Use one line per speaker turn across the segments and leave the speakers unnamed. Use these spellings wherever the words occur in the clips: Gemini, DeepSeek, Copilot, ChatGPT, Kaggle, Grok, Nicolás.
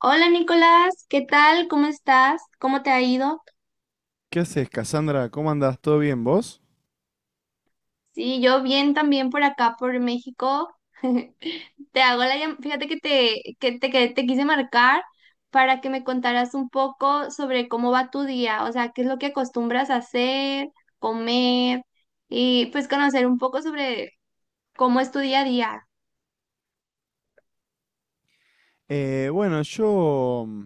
Hola Nicolás, ¿qué tal? ¿Cómo estás? ¿Cómo te ha ido?
¿Qué haces, Cassandra? ¿Cómo andas? ¿Todo bien vos?
Sí, yo bien también por acá, por México. Te hago la llam- Fíjate que te quise marcar para que me contaras un poco sobre cómo va tu día, o sea, qué es lo que acostumbras a hacer, comer y pues conocer un poco sobre cómo es tu día a día.
Bueno, yo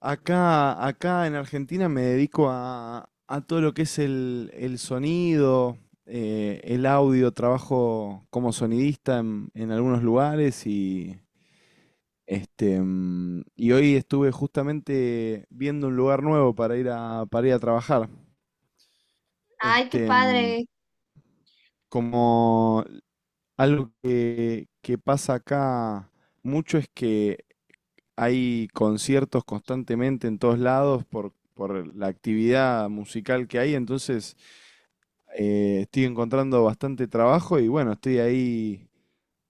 acá en Argentina me dedico a todo lo que es el sonido, el audio, trabajo como sonidista en algunos lugares y, y hoy estuve justamente viendo un lugar nuevo para ir a trabajar.
Ay, qué
Este, mm,
padre.
como algo que pasa acá mucho es que hay conciertos constantemente en todos lados por la actividad musical que hay. Entonces estoy encontrando bastante trabajo y bueno, estoy ahí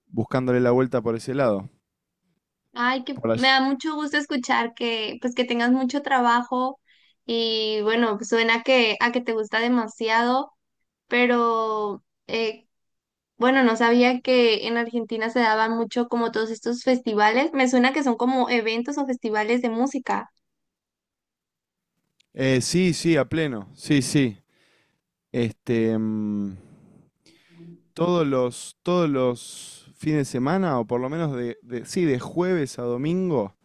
buscándole la vuelta por ese lado.
Ay, que
Por
me
allí-
da mucho gusto escuchar que pues que tengas mucho trabajo y bueno, pues, suena que a que te gusta demasiado, pero bueno, no sabía que en Argentina se daban mucho como todos estos festivales. Me suena que son como eventos o festivales de música.
Sí, sí, a pleno, sí, sí. Este, mm, todos los fines de semana, o por lo menos sí, de jueves a domingo,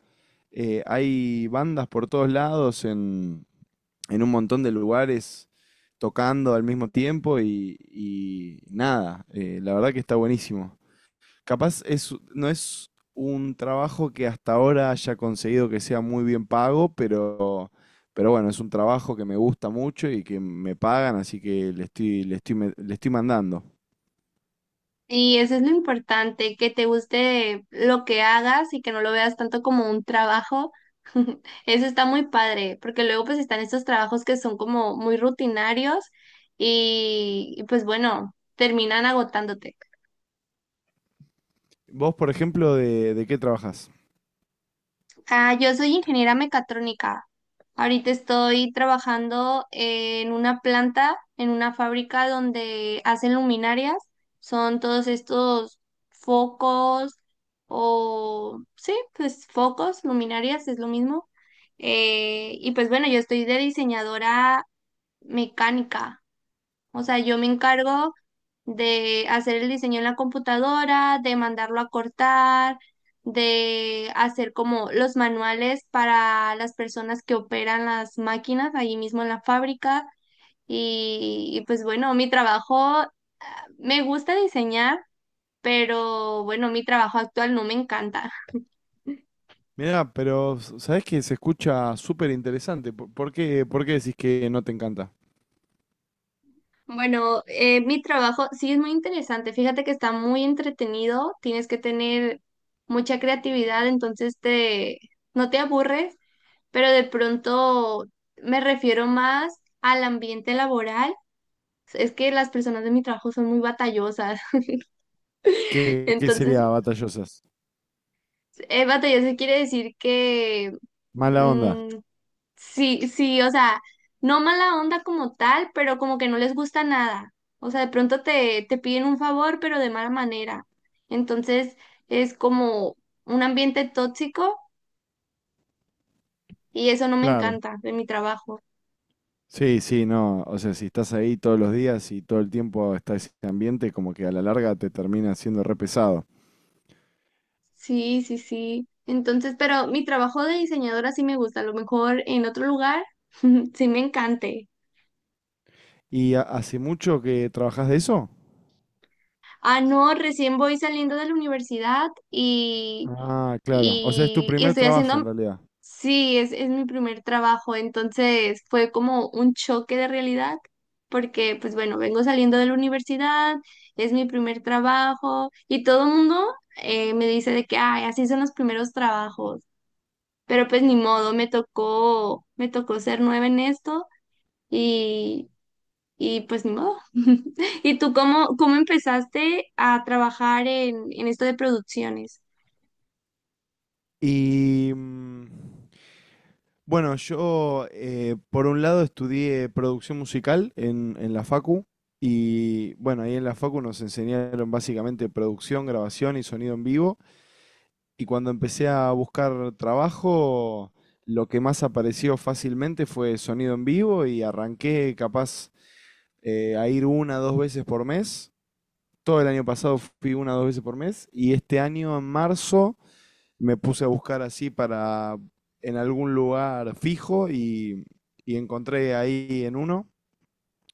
hay bandas por todos lados en un montón de lugares tocando al mismo tiempo y nada, la verdad que está buenísimo. Capaz es, no es un trabajo que hasta ahora haya conseguido que sea muy bien pago, pero bueno, es un trabajo que me gusta mucho y que me pagan, así que le estoy mandando.
Y eso es lo importante, que te guste lo que hagas y que no lo veas tanto como un trabajo. Eso está muy padre, porque luego pues están estos trabajos que son como muy rutinarios y pues bueno, terminan agotándote.
Vos, por ejemplo, ¿de qué trabajás?
Ah, yo soy ingeniera mecatrónica. Ahorita estoy trabajando en una planta, en una fábrica donde hacen luminarias. Son todos estos focos o, sí, pues focos, luminarias, es lo mismo. Y pues bueno, yo estoy de diseñadora mecánica. O sea, yo me encargo de hacer el diseño en la computadora, de mandarlo a cortar, de hacer como los manuales para las personas que operan las máquinas ahí mismo en la fábrica. Y pues bueno, mi trabajo, me gusta diseñar, pero bueno, mi trabajo actual no me encanta.
Mirá, pero sabés que se escucha súper interesante. ¿Por qué decís que no te encanta?
Bueno, mi trabajo sí es muy interesante. Fíjate que está muy entretenido, tienes que tener mucha creatividad, entonces te... No te aburres, pero de pronto me refiero más al ambiente laboral. Es que las personas de mi trabajo son muy batallosas.
¿Qué
Entonces,
sería batallosas?
batallosa quiere decir que
Mala onda,
mm, sí, sí, o sea, no mala onda como tal, pero como que no les gusta nada. O sea, de pronto te piden un favor, pero de mala manera. Entonces, es como un ambiente tóxico y eso no me
claro.
encanta de mi trabajo.
Sí, sí, no. O sea, si estás ahí todos los días y todo el tiempo está ese ambiente, como que a la larga te termina siendo re pesado.
Sí, sí, sí. Entonces, pero mi trabajo de diseñadora sí me gusta. A lo mejor en otro lugar sí me encante.
¿Y hace mucho que trabajás de eso?
Ah, no, recién voy saliendo de la universidad y,
Ah, claro. O sea, es tu
y, y
primer
estoy
trabajo
haciendo,
en realidad.
sí, es mi primer trabajo. Entonces fue como un choque de realidad porque, pues bueno, vengo saliendo de la universidad, es mi primer trabajo y todo el mundo me dice de que, ay, así son los primeros trabajos. Pero pues ni modo, me tocó ser nueva en esto y, y pues ni modo. ¿Y tú cómo empezaste a trabajar en esto de producciones?
Y bueno, yo por un lado estudié producción musical en la Facu. Y bueno, ahí en la Facu nos enseñaron básicamente producción, grabación y sonido en vivo. Y cuando empecé a buscar trabajo, lo que más apareció fácilmente fue sonido en vivo y arranqué capaz a ir una dos veces por mes. Todo el año pasado fui una dos veces por mes y este año en marzo me puse a buscar así para en algún lugar fijo y encontré ahí en uno.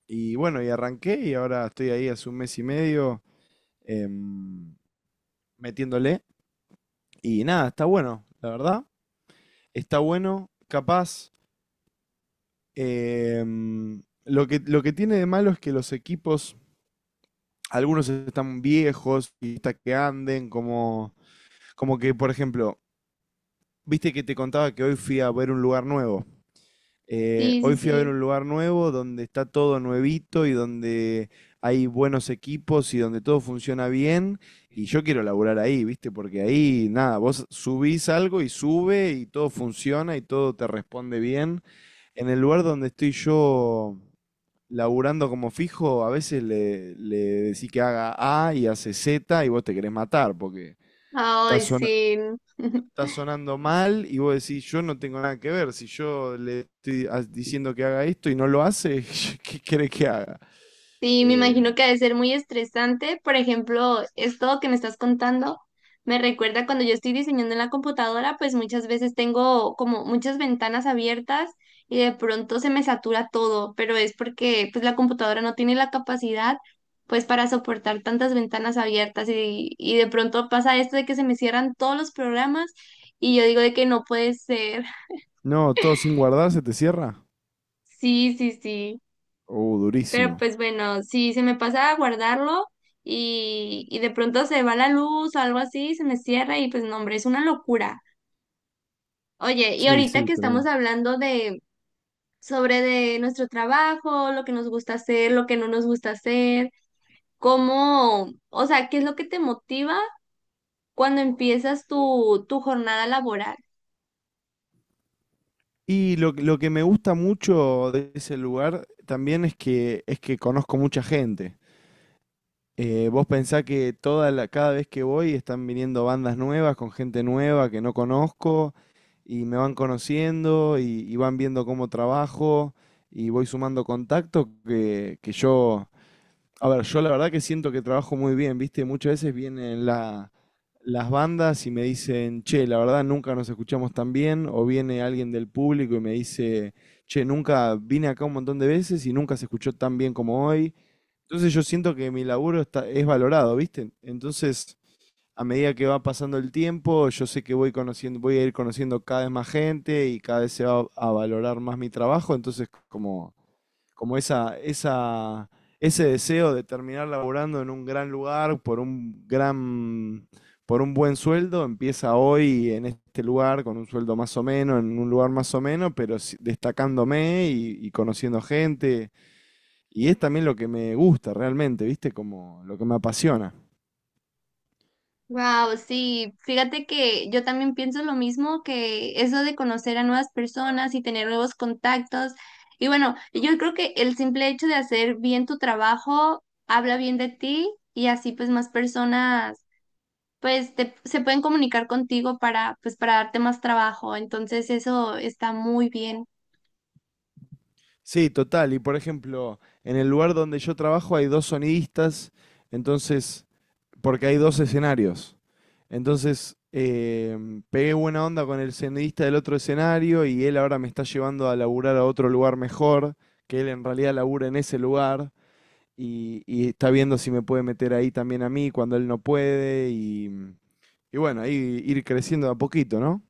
Y bueno, y arranqué y ahora estoy ahí hace un mes y medio em, metiéndole. Y nada, está bueno, la verdad. Está bueno, capaz. Lo que, lo que tiene de malo es que los equipos, algunos están viejos y está que anden, como, como que, por ejemplo, viste que te contaba que hoy fui a ver un lugar nuevo.
Sí, sí,
Hoy fui a ver
sí.
un lugar nuevo donde está todo nuevito y donde hay buenos equipos y donde todo funciona bien. Y yo quiero laburar ahí, ¿viste? Porque ahí, nada, vos subís algo y sube y todo funciona y todo te responde bien. En el lugar donde estoy yo laburando como fijo, a veces le decís que haga A y hace Z y vos te querés matar porque está,
Ay,
sona-
sí.
está sonando mal. Y vos decís, yo no tengo nada que ver. Si yo le estoy diciendo que haga esto y no lo hace, ¿qué querés que haga?
Sí, me
Eh,
imagino que ha de ser muy estresante. Por ejemplo, esto que me estás contando me recuerda cuando yo estoy diseñando en la computadora, pues muchas veces tengo como muchas ventanas abiertas y de pronto se me satura todo, pero es porque pues la computadora no tiene la capacidad pues para soportar tantas ventanas abiertas y de pronto pasa esto de que se me cierran todos los programas y yo digo de que no puede ser.
no, todo sin guardar se te cierra.
Sí, sí, sí. Pero
Durísimo.
pues bueno, si se me pasa a guardarlo y de pronto se va la luz o algo así, se me cierra y pues no, hombre, es una locura. Oye, y
Sí,
ahorita
sí,
que estamos
tremendo.
hablando de sobre de nuestro trabajo, lo que nos gusta hacer, lo que no nos gusta hacer, cómo, o sea, ¿qué es lo que te motiva cuando empiezas tu jornada laboral?
Y lo que me gusta mucho de ese lugar también es que conozco mucha gente. Vos pensás que toda la, cada vez que voy están viniendo bandas nuevas con gente nueva que no conozco y me van conociendo y van viendo cómo trabajo y voy sumando contactos que yo, a ver, yo la verdad que siento que trabajo muy bien, ¿viste? Muchas veces vienen las bandas y me dicen, che, la verdad nunca nos escuchamos tan bien, o viene alguien del público y me dice, che, nunca vine acá un montón de veces y nunca se escuchó tan bien como hoy. Entonces yo siento que mi laburo está, es valorado, ¿viste? Entonces, a medida que va pasando el tiempo, yo sé que voy conociendo, voy a ir conociendo cada vez más gente y cada vez se va a valorar más mi trabajo. Entonces, como, como ese deseo de terminar laburando en un gran lugar por un gran, por un buen sueldo, empieza hoy en este lugar, con un sueldo más o menos, en un lugar más o menos, pero destacándome y conociendo gente. Y es también lo que me gusta realmente, ¿viste? Como lo que me apasiona.
Wow, sí, fíjate que yo también pienso lo mismo que eso de conocer a nuevas personas y tener nuevos contactos. Y bueno, yo creo que el simple hecho de hacer bien tu trabajo habla bien de ti y así pues más personas se pueden comunicar contigo para pues para darte más trabajo. Entonces eso está muy bien.
Sí, total. Y por ejemplo, en el lugar donde yo trabajo hay dos sonidistas, entonces, porque hay dos escenarios. Entonces, pegué buena onda con el sonidista del otro escenario y él ahora me está llevando a laburar a otro lugar mejor, que él en realidad labura en ese lugar y está viendo si me puede meter ahí también a mí cuando él no puede y bueno, ahí ir creciendo de a poquito, ¿no?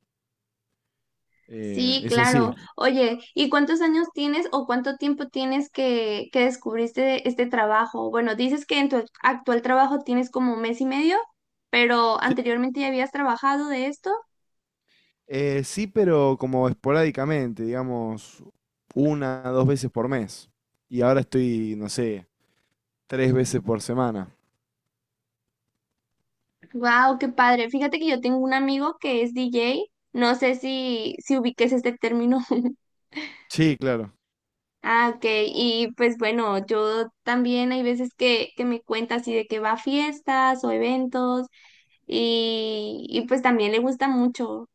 Sí,
Es así.
claro. Oye, ¿y cuántos años tienes o cuánto tiempo tienes que descubriste este trabajo? Bueno, dices que en tu actual trabajo tienes como mes y medio, pero
Sí,
anteriormente ya habías trabajado de esto.
Sí, pero como esporádicamente, digamos, una, dos veces por mes. Y ahora estoy, no sé, tres veces por semana.
Wow, qué padre. Fíjate que yo tengo un amigo que es DJ. No sé si ubiques este término.
Sí, claro,
Ah, ok. Y pues bueno, yo también hay veces que me cuenta así de que va a fiestas o eventos y pues también le gusta mucho.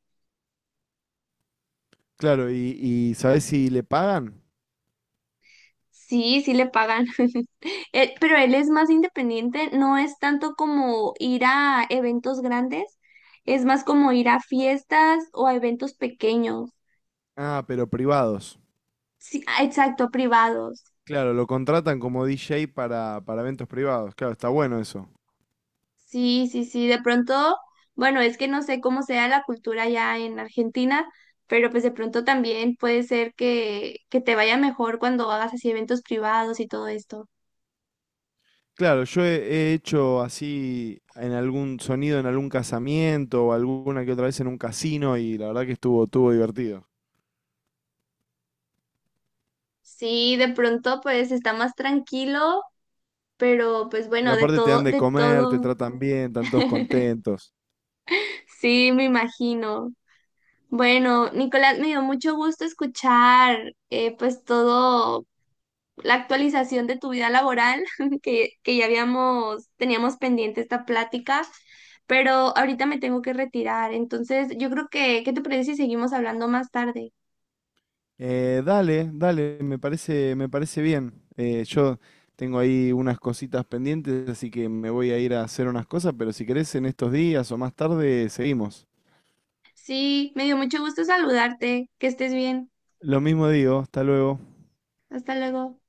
claro. Y sabés si le pagan?
Sí, sí le pagan. Pero él es más independiente, no es tanto como ir a eventos grandes, es más como ir a fiestas o a eventos pequeños.
Ah, pero privados.
Sí, ah, exacto, privados.
Claro, lo contratan como DJ para eventos privados. Claro, está bueno eso.
Sí, sí, sí, de pronto, bueno, es que no sé cómo sea la cultura ya en Argentina, pero pues de pronto también puede ser que te vaya mejor cuando hagas así eventos privados y todo esto.
Claro, yo he, he hecho así en algún sonido, en algún casamiento o alguna que otra vez en un casino y la verdad que estuvo, estuvo divertido.
Sí, de pronto pues está más tranquilo. Pero pues
Y
bueno, de
aparte te dan
todo,
de
de
comer, te
todo.
tratan bien, están todos contentos.
Sí, me imagino. Bueno, Nicolás, me dio mucho gusto escuchar pues todo la actualización de tu vida laboral, que ya habíamos, teníamos pendiente esta plática, pero ahorita me tengo que retirar. Entonces, yo creo que, ¿qué te parece si seguimos hablando más tarde?
Dale, dale, me parece bien. Yo tengo ahí unas cositas pendientes, así que me voy a ir a hacer unas cosas, pero si querés en estos días o más tarde, seguimos.
Sí, me dio mucho gusto saludarte. Que estés bien.
Lo mismo digo, hasta luego.
Hasta luego.